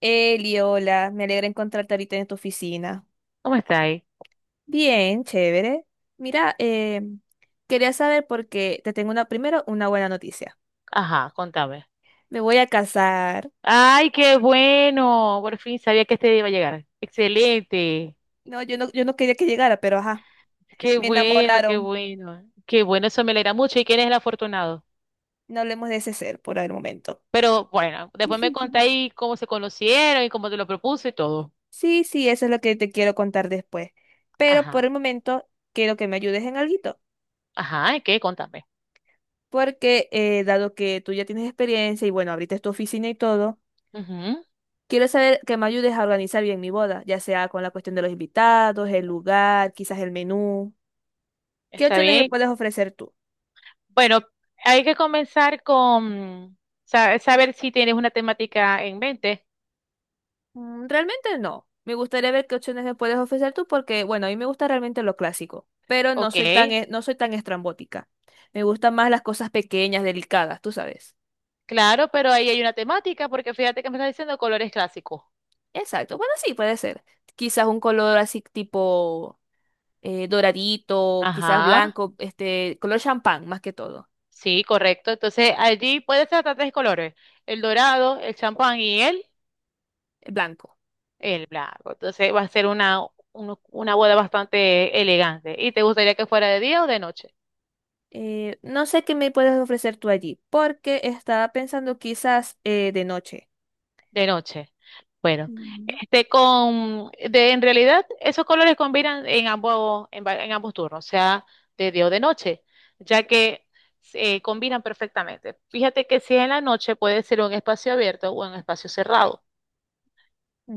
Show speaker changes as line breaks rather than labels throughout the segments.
Eli, hola, me alegra encontrarte ahorita en tu oficina.
¿Cómo está ahí?
Bien, chévere. Mira, quería saber porque te tengo una, primero una buena noticia.
Ajá, contame.
Me voy a casar.
Ay, qué bueno. Por fin sabía que este día iba a llegar. Excelente.
No, yo no quería que llegara, pero ajá,
Qué
me
bueno, qué
enamoraron.
bueno. Qué bueno, eso me alegra mucho. ¿Y quién es el afortunado?
No hablemos de ese ser por el momento.
Pero bueno, después me contáis cómo se conocieron y cómo te lo propuse y todo.
Sí, sí, eso es lo que te quiero contar después. Pero por el
Ajá,
momento quiero que me ayudes en alguito,
ajá, ¿y qué? Contame.
porque dado que tú ya tienes experiencia y bueno, abriste tu oficina y todo,
Ujú,
quiero saber que me ayudes a organizar bien mi boda, ya sea con la cuestión de los invitados, el lugar, quizás el menú. ¿Qué
está
opciones me
bien.
puedes ofrecer tú?
Bueno, hay que comenzar con saber si tienes una temática en mente.
Mm, realmente no. Me gustaría ver qué opciones me puedes ofrecer tú porque, bueno, a mí me gusta realmente lo clásico, pero no
Ok,
soy tan, no soy tan estrambótica. Me gustan más las cosas pequeñas, delicadas, tú sabes.
claro, pero ahí hay una temática porque fíjate que me estás diciendo colores clásicos.
Exacto. Bueno, sí, puede ser. Quizás un color así tipo doradito, quizás
Ajá,
blanco, este, color champán más que todo,
sí, correcto. Entonces allí puede ser hasta tres colores, el dorado, el champán y el,
blanco.
el blanco. Entonces va a ser una boda bastante elegante. ¿Y te gustaría que fuera de día o de noche?
No sé qué me puedes ofrecer tú allí, porque estaba pensando quizás de noche.
De noche. Bueno,
Mm.
este en realidad esos colores combinan en ambos, en ambos turnos, sea, de día o de noche, ya que se combinan perfectamente. Fíjate que si es en la noche puede ser un espacio abierto o un espacio cerrado.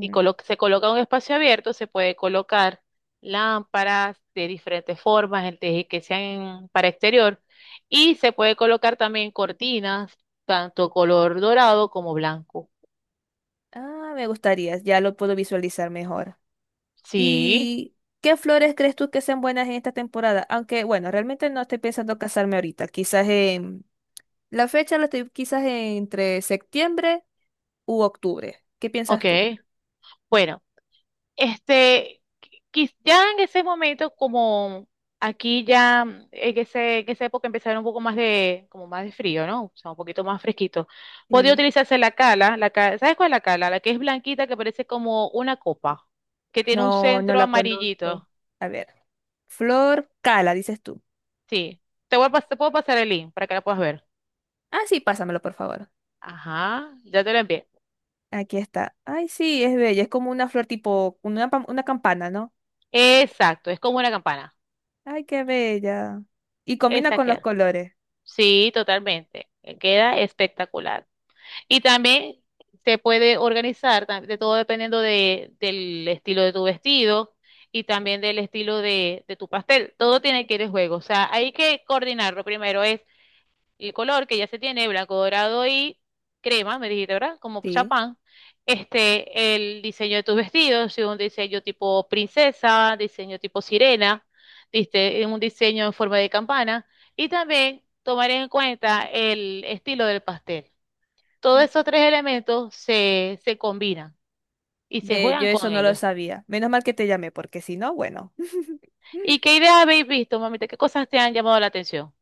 Y se coloca en un espacio abierto, se puede colocar lámparas de diferentes formas, que sean para exterior, y se puede colocar también cortinas, tanto color dorado como blanco.
Ah, me gustaría, ya lo puedo visualizar mejor.
Sí,
¿Y qué flores crees tú que sean buenas en esta temporada? Aunque, bueno, realmente no estoy pensando casarme ahorita, quizás en... La fecha la estoy quizás entre septiembre u octubre. ¿Qué piensas tú?
ok. Bueno. Este, ya en ese momento, como aquí ya en esa época empezaron un poco más de, como más de frío, ¿no? O sea, un poquito más fresquito. Podía
Sí.
utilizarse la cala, ¿sabes cuál es la cala? La que es blanquita, que parece como una copa, que tiene un
No, no
centro
la conozco.
amarillito.
A ver, flor cala, dices tú.
Sí. Te puedo pasar el link para que la puedas ver.
Ah, sí, pásamelo, por favor.
Ajá, ya te lo envié.
Aquí está. Ay, sí, es bella. Es como una flor tipo, una, una campana, ¿no?
Exacto, es como una campana.
Ay, qué bella. Y combina
Esa
con los
queda.
colores.
Sí, totalmente. Queda espectacular. Y también se puede organizar, de todo dependiendo del estilo de tu vestido y también del estilo de tu pastel. Todo tiene que ir en juego. O sea, hay que coordinarlo. Primero es el color que ya se tiene, blanco, dorado y crema, me dijiste, ¿verdad? Como
Sí.
chapán. Este, el diseño de tus vestidos, si un diseño tipo princesa, diseño tipo sirena, diste un diseño en forma de campana. Y también tomar en cuenta el estilo del pastel. Todos
Mm.
esos tres elementos se combinan y se
Ve, yo
juegan
eso
con
no lo
ellos.
sabía. Menos mal que te llamé, porque si no, bueno.
¿Y qué ideas habéis visto, mamita? ¿Qué cosas te han llamado la atención?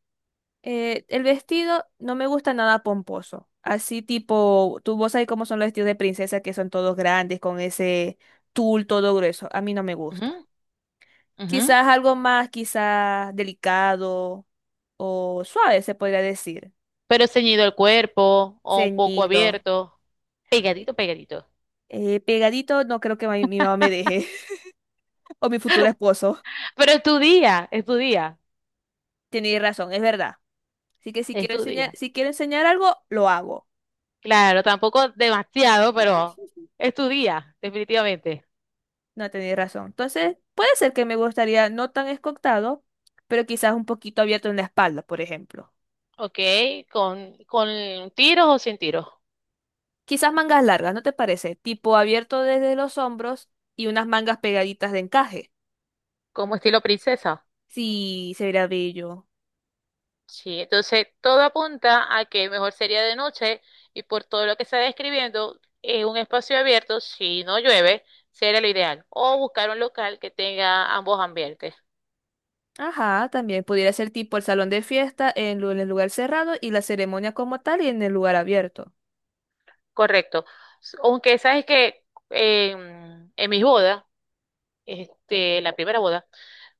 El vestido no me gusta nada pomposo. Así tipo, tú vos sabés cómo son los vestidos de princesa, que son todos grandes, con ese tul todo grueso. A mí no me gusta.
Ujú, ujú.
Quizás algo más, quizás delicado o suave, se podría decir.
Pero ceñido el cuerpo o un poco
Ceñido.
abierto, pegadito, pegadito.
Pegadito, no creo que mi mamá me deje. O mi futuro esposo.
Pero es tu día, es tu día,
Tenéis razón, es verdad. Así que
es tu día.
si quiero enseñar algo, lo hago.
Claro, tampoco demasiado, pero es tu día, definitivamente.
No tenéis razón. Entonces, puede ser que me gustaría no tan escotado, pero quizás un poquito abierto en la espalda, por ejemplo.
Ok, con tiros o sin tiros,
Quizás mangas largas, ¿no te parece? Tipo abierto desde los hombros y unas mangas pegaditas de encaje.
como estilo princesa.
Sí, se vería bello.
Sí, entonces todo apunta a que mejor sería de noche y por todo lo que está describiendo, en un espacio abierto, si no llueve, sería lo ideal. O buscar un local que tenga ambos ambientes.
Ajá, también pudiera ser tipo el salón de fiesta en en el lugar cerrado y la ceremonia como tal y en el lugar abierto.
Correcto. Aunque sabes que en mis bodas, este, la primera boda,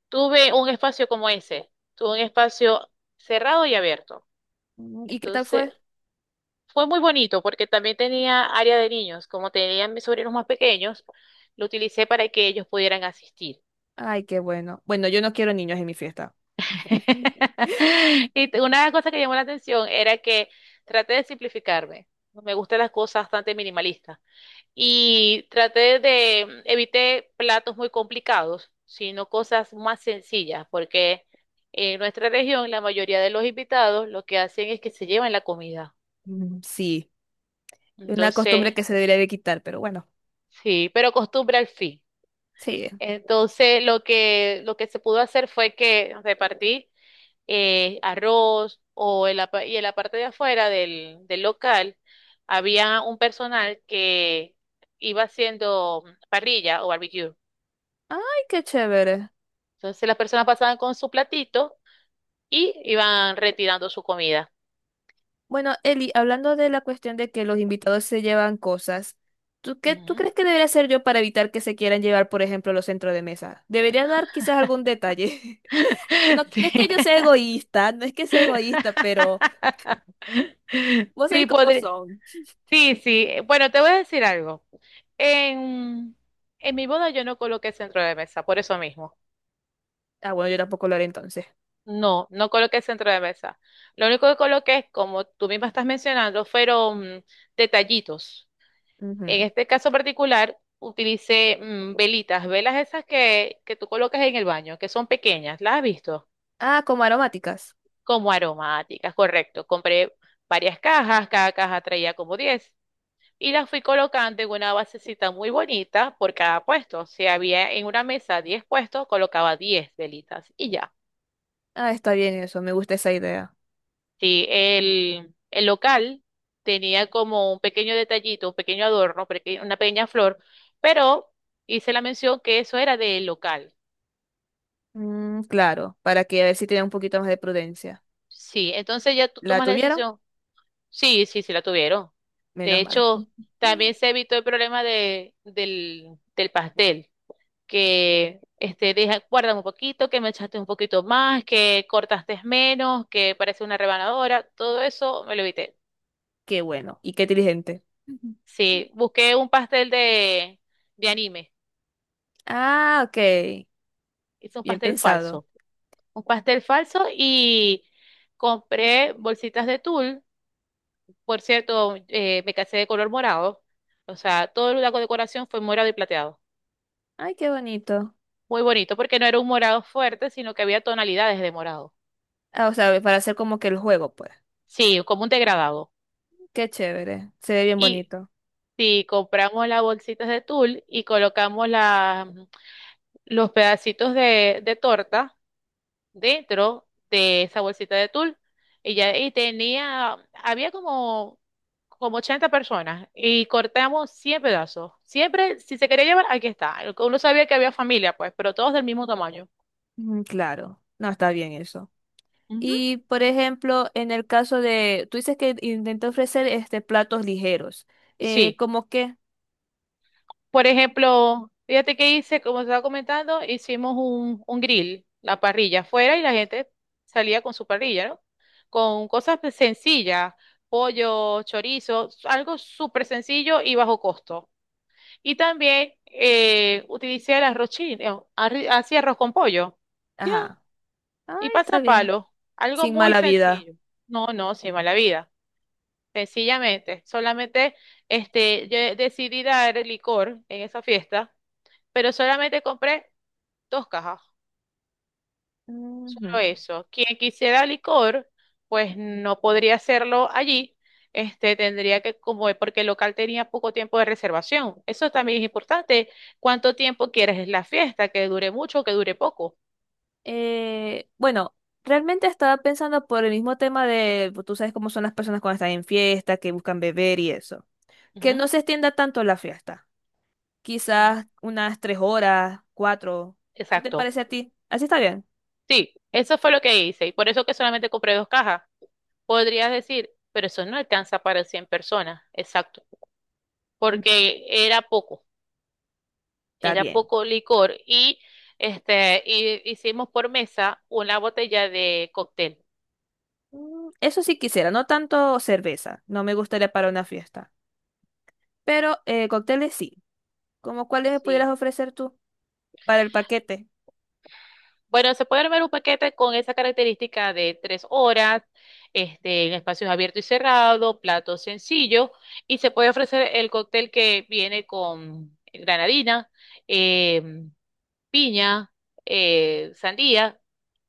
tuve un espacio como ese. Tuve un espacio cerrado y abierto.
Mm, ¿y qué tal fue?
Entonces, fue muy bonito porque también tenía área de niños. Como tenían mis sobrinos más pequeños, lo utilicé para que ellos pudieran asistir.
Ay, qué bueno. Bueno, yo no quiero niños en mi fiesta.
Una cosa que llamó la atención era que traté de simplificarme. Me gustan las cosas bastante minimalistas. Y evité platos muy complicados, sino cosas más sencillas, porque en nuestra región la mayoría de los invitados lo que hacen es que se llevan la comida.
Mm, sí, una costumbre
Entonces,
que se debería de quitar, pero bueno,
sí, pero costumbre al fin.
sí.
Entonces, lo que se pudo hacer fue que repartí arroz o y en la parte de afuera del local había un personal que iba haciendo parrilla o barbecue.
Ay, qué chévere.
Entonces, las personas pasaban con su platito y iban retirando su comida.
Bueno, Eli, hablando de la cuestión de que los invitados se llevan cosas, ¿tú qué tú
Ujú.
crees que debería hacer yo para evitar que se quieran llevar, por ejemplo, los centros de mesa? Debería dar quizás algún detalle. No, no es que
Sí.
yo sea egoísta, no es que sea egoísta, pero vos sabés
Sí,
cómo
podría.
son.
Sí, sí. Bueno, te voy a decir algo. En, en mi boda yo no coloqué centro de mesa, por eso mismo.
Ah, bueno, yo tampoco lo haré entonces.
No, no coloqué centro de mesa. Lo único que coloqué es, como tú misma estás mencionando, fueron detallitos. En
Ujú.
este caso particular, utilicé velitas, velas esas que tú colocas en el baño, que son pequeñas, ¿las has visto?
Ah, como aromáticas.
Como aromáticas, correcto. Compré varias cajas, cada caja traía como 10 y las fui colocando en una basecita muy bonita por cada puesto. Si había en una mesa 10 puestos, colocaba 10 velitas y ya.
Ah, está bien eso, me gusta esa idea.
Sí, el local tenía como un pequeño detallito, un pequeño adorno, una pequeña flor, pero hice la mención que eso era del local.
Mm, claro, para que a ver si tenía un poquito más de prudencia.
Sí, entonces ya tú
¿La
tomas la
tuvieron?
decisión. Sí, sí, sí la tuvieron. De
Menos mal.
hecho, también se evitó el problema del pastel, que este, deja, guardan un poquito, que me echaste un poquito más, que cortaste menos, que parece una rebanadora, todo eso me lo evité.
Qué bueno y qué inteligente.
Sí, busqué un pastel de anime.
Ah, ok.
Hice un
Bien
pastel
pensado.
falso. Un pastel falso y compré bolsitas de tul. Por cierto, me casé de color morado. O sea, toda la decoración fue morado y plateado.
Ay, qué bonito.
Muy bonito, porque no era un morado fuerte, sino que había tonalidades de morado.
Ah, o sea, para hacer como que el juego, pues.
Sí, como un degradado.
Qué chévere. Se ve bien
Y
bonito.
si compramos las bolsitas de tul y colocamos los pedacitos de torta dentro de esa bolsita de tul, y ya y había como 80 personas y cortamos 100 pedazos. Siempre, si se quería llevar, aquí está. Uno sabía que había familia, pues, pero todos del mismo tamaño.
Mm, claro. No, está bien eso.
Ujú.
Y, por ejemplo, en el caso de, tú dices que intenté ofrecer este platos ligeros.
Sí.
¿Cómo qué?
Por ejemplo, fíjate que hice, como estaba comentando, hicimos un grill, la parrilla afuera y la gente salía con su parrilla, ¿no? Con cosas pues, sencillas, pollo, chorizo, algo súper sencillo y bajo costo. Y también utilicé el arroz chino, hacía arroz con pollo. Ya,
Ajá. Ay,
y
está bien.
pasapalo, algo
Sin
muy
mala vida.
sencillo. No, no, sin mala vida. Sencillamente, solamente este, yo decidí dar licor en esa fiesta, pero solamente compré dos cajas,
Ujú.
solo eso. Quien quisiera licor, pues no podría hacerlo allí. Este, tendría que, como porque el local tenía poco tiempo de reservación. Eso también es importante. ¿Cuánto tiempo quieres la fiesta? Que dure mucho, o que dure poco.
Bueno, realmente estaba pensando por el mismo tema de, pues, tú sabes cómo son las personas cuando están en fiesta, que buscan beber y eso. Que no
Ujú,
se extienda tanto la fiesta.
ujú.
Quizás unas 3 horas, cuatro. ¿Qué te
Exacto.
parece a ti? ¿Así está bien?
Sí, eso fue lo que hice y por eso que solamente compré dos cajas. Podrías decir, pero eso no alcanza para 100 personas, exacto,
Mm,
porque
está
era
bien.
poco licor y este y hicimos por mesa una botella de cóctel.
Mm, eso sí quisiera, no tanto cerveza. No me gustaría para una fiesta. Pero cócteles sí. ¿Cómo cuáles me pudieras
Sí.
ofrecer tú para el paquete?
Bueno, se puede armar un paquete con esa característica de 3 horas, este, en espacios abiertos y cerrados, platos sencillos, y se puede ofrecer el cóctel que viene con granadina, em, piña, sandía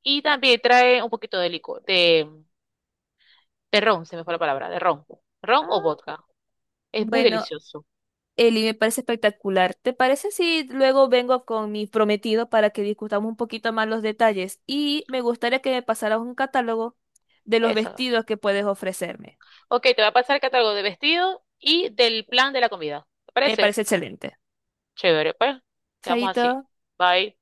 y
Ah,
también trae un poquito de licor, de ron, se me fue la palabra, de ron, ron o
ah.
vodka. Es muy
Bueno,
delicioso.
Eli, me parece espectacular. ¿Te parece si luego vengo con mi prometido para que discutamos un poquito más los detalles? Y me gustaría que me pasaras un catálogo de los
Esa.
vestidos que puedes ofrecerme.
Ok, te voy a pasar el catálogo de vestido y del plan de la comida. ¿Te
Me
parece?
parece excelente.
Chévere, pues. Quedamos
Chaito.
así. Bye.